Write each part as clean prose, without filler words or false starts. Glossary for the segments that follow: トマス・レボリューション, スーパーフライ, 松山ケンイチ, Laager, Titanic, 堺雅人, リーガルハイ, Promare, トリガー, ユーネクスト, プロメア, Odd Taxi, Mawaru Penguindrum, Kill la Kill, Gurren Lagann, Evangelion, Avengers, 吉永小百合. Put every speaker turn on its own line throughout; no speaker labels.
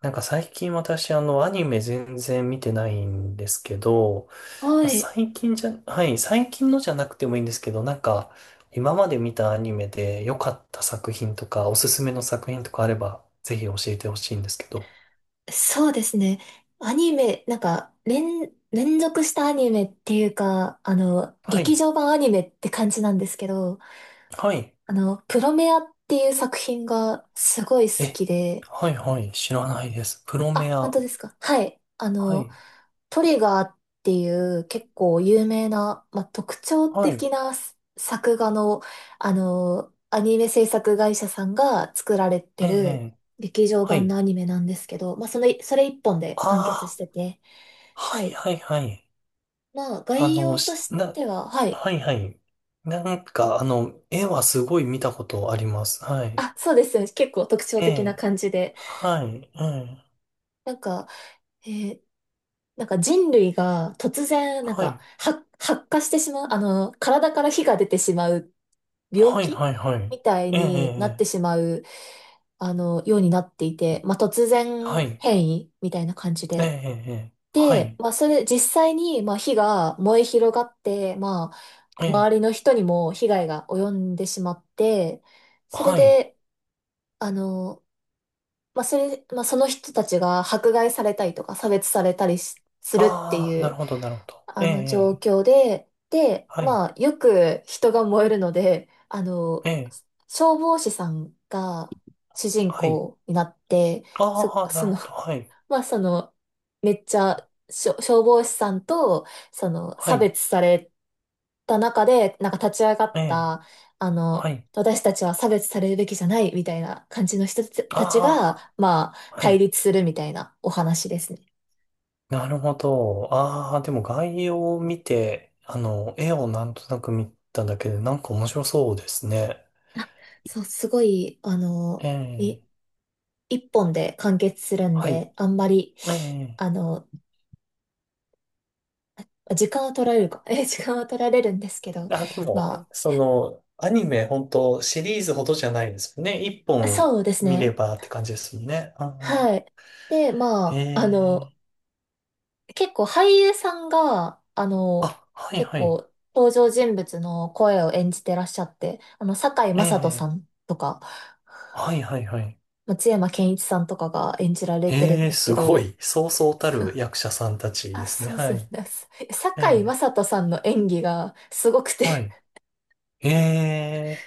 なんか最近私あのアニメ全然見てないんですけど、ま
は
あ、
い、
最近じゃ、はい、最近のじゃなくてもいいんですけど、なんか今まで見たアニメで良かった作品とかおすすめの作品とかあればぜひ教えてほしいんですけど。
そうですね。アニメ、なんか、連続したアニメっていうか、
は
劇
い、
場版アニメって感じなんですけど、
はい、
プロメアっていう作品がすごい好
え、
きで。
はい、はい、知らないです。プロメ
あ、本
ア。
当ですか。はい。
はい、
トリガーっていう結構有名な、まあ、特徴
は
的
い、
な作画の、アニメ制作会社さんが作られて
ええ、え
る
え
劇場
は
版の
い。
アニメなんですけど、まあ、その、それ一本で完結し
あ
てて。
あ、は
は
い、
い。
はい、はい。
まあ、
あ
概
の、
要としては。はい。
はいはい。なんか、
え
あの、絵はすごい見たことあります。はい。
あ、そうですよね。結構特徴
え
的な
え、
感じで。
はい、ええ、
なんか、えーなんか人類が突然、なん
は
か、
い、
発火してしまう、体から火が出てしまう病
はい、
気
はい、はい。
みたい
ええ、
になっ
え
てし
え、
まう、ようになっていて、まあ、突
は
然
い、
変異みたいな感じ
え
で。
え、ええ、は
で、
い、
まあ、それ、実際に、まあ、火が燃え広がって、まあ、
え
周
え、
りの人にも被害が及んでしまって、それ
はい。
で、あの、まあ、それ、まあ、その人たちが迫害されたりとか差別されたりするって
ああ、
い
なる
う、
ほど、なるほど。
あ
ええ、
の
え
状
え
況で、で、
はい、
まあ、よく人が燃えるので、
ええ、
消防士さんが主人
はい。
公になって、そ、
ああ、な
そ
る
の
ほど、はい、
その、めっちゃ消防士さんと、その、
は
差
い、
別された中で、なんか立ち上がっ
ええ、
た、
はい。
私たちは差別されるべきじゃないみたいな感じの人たち
あ
が、まあ、
あ、は
対
い。
立するみたいなお話ですね。
なるほど。ああ、でも概要を見て、あの、絵をなんとなく見ただけで、なんか面白そうですね。
そう、すごい、
え
い
え、
一本で完結するん
はい。
で、あんまり、
ええ。
あの、時間は取られるか、時間は取られるんですけど、
あ、でも、
ま
その、アニメ、本当シリーズほどじゃないですよね。一
あ、
本
そうです
見れ
ね。
ばって感じですよね。うん
はい。で、ま
え
あ、
え。
結構俳優さんが、
あ、はい
結
はい。
構登場人物の声を演じてらっしゃって、堺
え
雅人さ
え。
んとか、
はいはいはい。
松山ケンイチさんとかが演じられてるん
ええ、
ですけ
すご
ど、
い。そうそ うた
そ
る
う
役者さんたち
あ、
ですね。
そう
は
そう
い。
です。
え
堺雅
え。
人さんの演技がすごくて、
はい。ええ。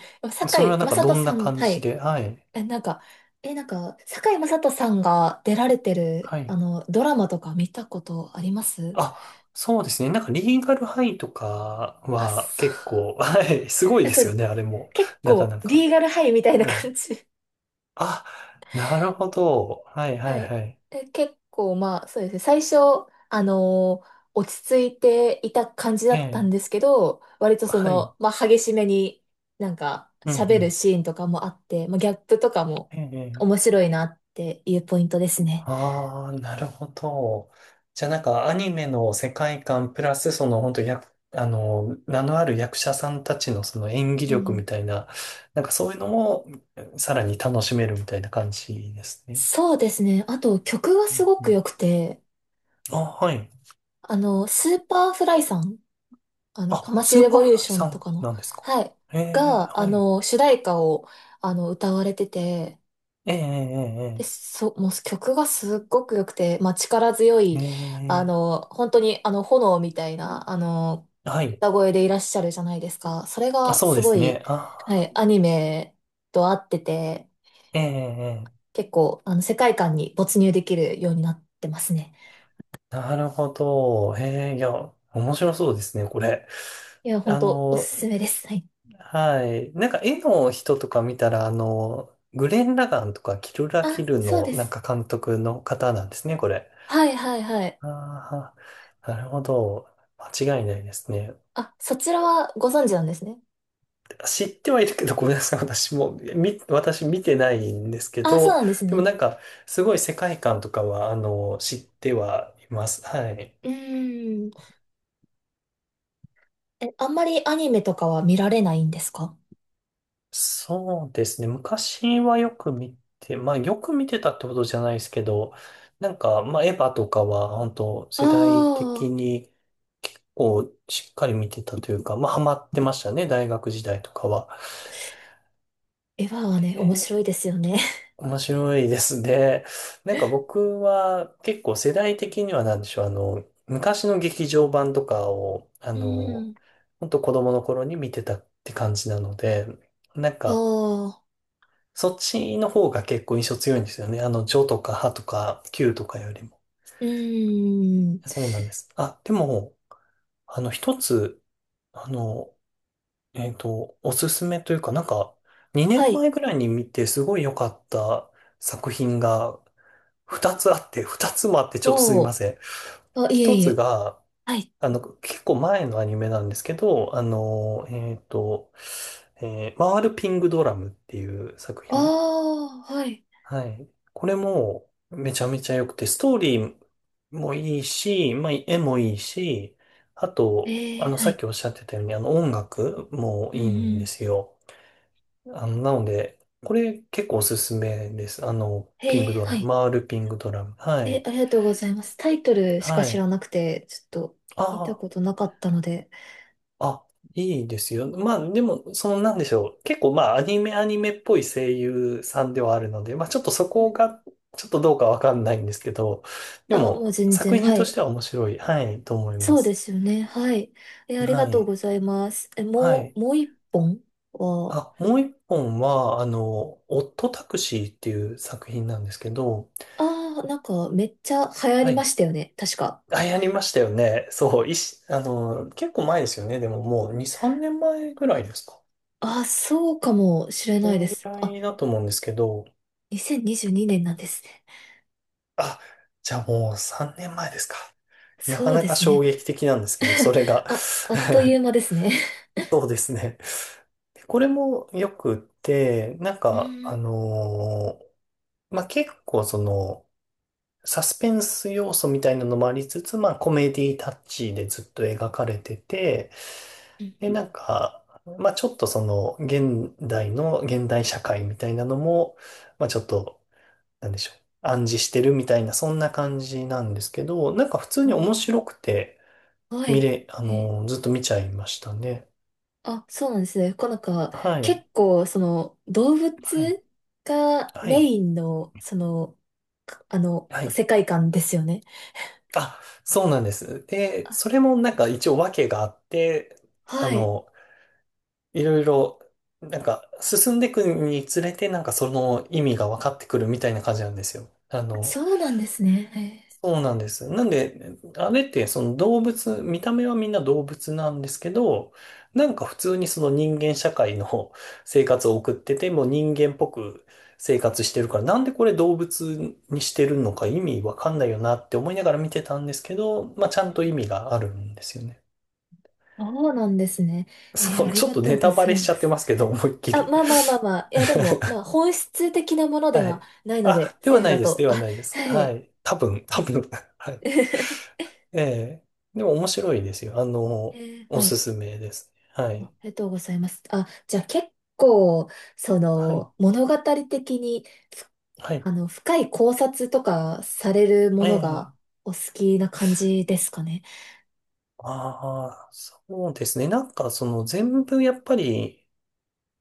それは
堺
なん
雅
かど
人
んな
さん、
感
は
じ
い。
で、はい。
え、なんか、え、なんか、堺雅人さんが出られてる、
はい。
ドラマとか見たことあります？
あ、そうですね。なんかリーガルハイとか
あ、
は
そう。
結構、はい。すごいで
そ
すよ
う、
ね、あれも。
結
なか
構、
なか。
リーガルハイみたいな
はい。
感じ。
あ、なるほど。はいは
は
い
い。
はい。
で、結構まあそうですね。最初、落ち着いていた感じだ
え
ったん
え。
ですけど、割とそ
はい。
の、まあ激しめになんか
うんう
喋る
ん。
シーンとかもあって、まあギャップとかも
え
面
え。
白いなっていうポイントですね。
ああ、なるほど。じゃあなんかアニメの世界観プラスその本当や、あの、名のある役者さんたちのその演技
う
力
ん。
みたいな、なんかそういうのもさらに楽しめるみたいな感じですね。
そうですね。あと曲が
う
す
ん
ご
う
く
ん、
良くて、
あ、はい。
スーパーフライさんト
あ、
マス・
ス
レ
ーパー
ボリ
フ
ュー
ライ
ショ
さ
ンと
ん
かの、
なんですか。
はい、
ええ、
が、
はい。
主題歌を、歌われてて、
ええ、
で、もう曲がすっごく良くて、まあ、力強い、
ええ、ええ、え
本当に、炎みたいな、
えはい。
歌声でいらっしゃるじゃないですか。それ
あ、
が
そう
す
で
ご
すね。
い、は
あ
い、アニメと合ってて、
ー、ええ、ええ
結構、世界観に没入できるようになってますね。
なるほど。ええ、いや、面白そうですね、これ。
いや、本
あ
当お
の、
すすめです。はい。
はい。なんか絵の人とか見たら、あの、グレン・ラガンとかキルラ・キ
あ、
ル
そう
の
で
なん
す。
か監督の方なんですね、これ。
はい、はい、はい。
ああ、なるほど。間違いないですね。
あ、そちらはご存知なんですね。
知ってはいるけど、ごめんなさい。私も、私見てないんですけ
あ、そう
ど、
なんです
でも
ね。
なんか、すごい世界観とかは、あの、知ってはいます。はい。
うーん。え、あんまりアニメとかは見られないんですか？
そうですね。昔はよく見て、まあよく見てたってことじゃないですけど、なんか、まあエヴァとかは本当
あ
世代的
あ
に結構しっかり見てたというか、まあハマってましたね、大学時代とかは。
ー、エヴァはね、面
で、
白いですよね。
面白いですね。なんか僕は結構世代的にはなんでしょう、あの、昔の劇場版とかを、あ
うー
の、
ん。
本当子供の頃に見てたって感じなので、なん
あ
か、
あ、
そっちの方が結構印象強いんですよね。あの、ジョとかハとかキューとかよりも。
うーん。
そうなんです。あ、でも、あの、一つ、あの、おすすめというか、なんか、2
は
年
い。
前ぐらいに見てすごい良かった作品が2つあって、2つもあってちょっとすみ
お
ま
ー。
せん。
あ、いえ
一
い
つ
え。
が、
はい。
あの、結構前のアニメなんですけど、あの、回るピングドラムっていう作
あ
品。
あ、はい。
はい。これもめちゃめちゃ良くて、ストーリーもいいし、まあ、絵もいいし、あと、
え
あ
え、
の、
は
さっ
い。
きおっしゃってたように、あの、音楽も
うん
いいん
う
で
ん。
すよ。あの、なので、これ結構おすすめです。あの、ピ
え
ング
え、
ドラ
は
ム、
い。
回るピングドラム。は
え、
い。
ありがとうございます。タイトルしか
は
知
い。
らなくて、ちょっと、
あ
見たこ
あ。
となかったので。
あ、いいですよ。まあ、でも、その、なんでしょう。結構、まあ、アニメ、アニメっぽい声優さんではあるので、まあ、ちょっとそ
うん。
こが、ちょっとどうかわかんないんですけど、で
あ、もう
も、
全
作
然、
品
は
とし
い。
ては面白い、はい、と思いま
そうで
す。
すよね。はい。え、あり
は
がとう
い。
ございます。え、
は
も
い。
う、もう一本は。
あ、もう一本は、あの、オットタクシーっていう作品なんですけど、
ああ、なんかめっちゃ流行
は
りま
い。
したよね。確か。
あ、やりましたよね。そう、あの、結構前ですよね。でも、もう2、3年前ぐらいですか。
ああ、そうかもしれ
そ
ないで
のぐ
す。
ら
あ、
いだと思うんですけど、
2022年なんですね。
あ、じゃあもう3年前ですか。なか
そう
な
で
か
す
衝
ね。
撃的なんですけど、そ れが。
あ、あっという間 ですね。
そうですね。でこれもよくって、なん
う
か、
ー
あ
ん。
のーまあ、結構その、サスペンス要素みたいなのもありつつ、まあ、コメディタッチでずっと描かれてて、
う
で、
ん。
なんか、まあ、ちょっとその、現代の、現代社会みたいなのも、まあ、ちょっとなんでしょう、暗示してるみたいな、そんな感じなんですけど、なんか普通に面
お、
白くて、
はい。
あ
え、
のーずっと見ちゃいましたね。
あ、そうなんですね。こうなんか、
はい、
結構、その、動
はい、
物が
は
メ
い、
インの、その、
はい。
世界観ですよね。
あ、そうなんです。で、
あ、
それもなんか一応訳があって、あ
はい。
の、いろいろ、なんか進んでいくにつれて、なんかその意味が分かってくるみたいな感じなんですよ。あの、
そうなんですね。へえ、
そうなんです。なんで、あれってその動物、見た目はみんな動物なんですけど、なんか普通にその人間社会の 生活を送ってて、もう人間っぽく生活してるから、なんでこれ動物にしてるのか意味わかんないよなって思いながら見てたんですけど、まあちゃんと意味があるんですよね。
そうなんですね。
そ
あ
う、
り
ちょっ
が
と
とう
ネ
ご
タバ
ざ
レ
い
しち
ま
ゃって
す。
ますけど、思いっき
あ、
り。
まあまあまあ まあ。いや、でも、まあ、本質的なもので
は
は
い。
ないので、
あ、で
セ
は
ーフ
ない
だ
です。
と。
で は
あ、
ないです。
は
は
い。
い。多分、多分。はい。
え
ええ。でも面白いですよ。あの、お
は
す
い。
すめですね。は
あ、あ
い。
りがとうございます。あ、じゃあ結構、そ
はい。
の、物語的に、ふ
はい。
深い考察とかされるも
え
のが
え。
お好きな感じですかね？
ああ、そうですね。なんかその全部やっぱり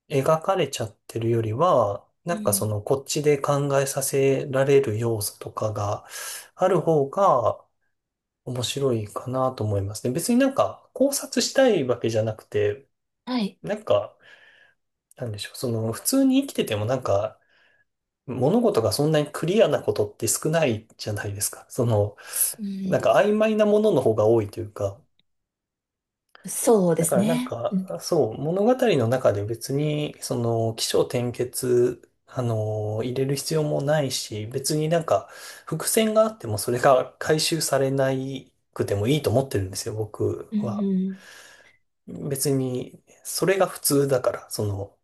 描かれちゃってるよりは、
う
なんかそ
ん。
のこっちで考えさせられる要素とかがある方が面白いかなと思いますね。別になんか考察したいわけじゃなくて、
はい。
なんか、なんでしょう。その普通に生きててもなんか物事がそんなにクリアなことって少ないじゃないですか。その、
う
なんか
ん。
曖昧なものの方が多いというか。
そうで
だ
す
からなん
ね。う
か、
ん。
そう、物語の中で別に、その、起承転結、あの、入れる必要もないし、別になんか、伏線があってもそれが回収されなくてもいいと思ってるんですよ、僕
うん
は。
うん、
別に、それが普通だから、その、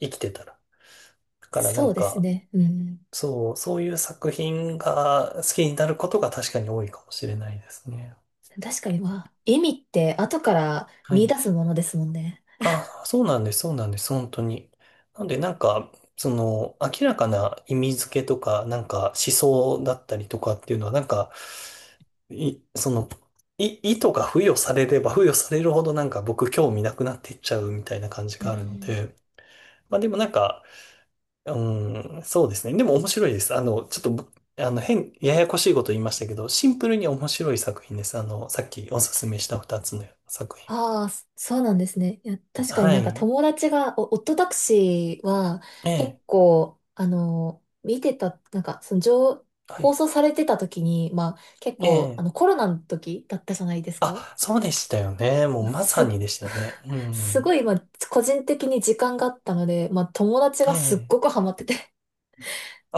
生きてたら。だからな
そう
ん
です
か、
ね。うん。
そう、そういう作品が好きになることが確かに多いかもしれないですね。
確かに、まあ、意味って後から
は
見
い。
出すものですもんね。
あ、そうなんです、そうなんです、本当に。なんで、なんか、その、明らかな意味付けとか、なんか思想だったりとかっていうのは、なんか、その、意図が付与されれば付与されるほどなんか僕興味なくなっていっちゃうみたいな感じ
う
があるの
ん。
で、まあでもなんか、うん、そうですね。でも面白いです。あの、ちょっとぶ、あの、ややこしいこと言いましたけど、シンプルに面白い作品です。あの、さっきおすすめした二つの作品。
ああ、そうなんですね。いや、確かに
は
なんか
い。
友達が、お、夫タクシーは
え
結
え、
構、見てた、なんか、その情、
は
放
い。
送されてた時に、まあ、結
え
構、
え。
コロナの時だったじゃないですか。
あ、そうでしたよね。もうまさ
す、
にでしたよね。う
すご
ん。
い、まあ、個人的に時間があったので、まあ、友達
え
がすっごく
え。
ハマってて、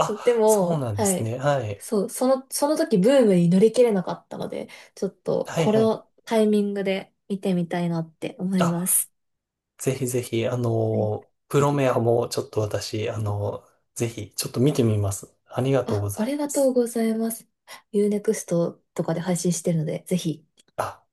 そう。で
そう
も、
なんで
は
す
い。
ね。はい。
そう、その時ブームに乗り切れなかったので、ちょっと
はい
これ
はい。
をタイミングで見てみたいなって思いま
あ、
す。
ぜひぜひ、あ
はい。
の、プロメアもちょっと私、あの、ぜひ、ちょっと見てみます。ありがとう
あ、
ござ
あ
い
りが
ま
とう
す。
ございます。ユーネクストとかで配信してるので、ぜひ。
あ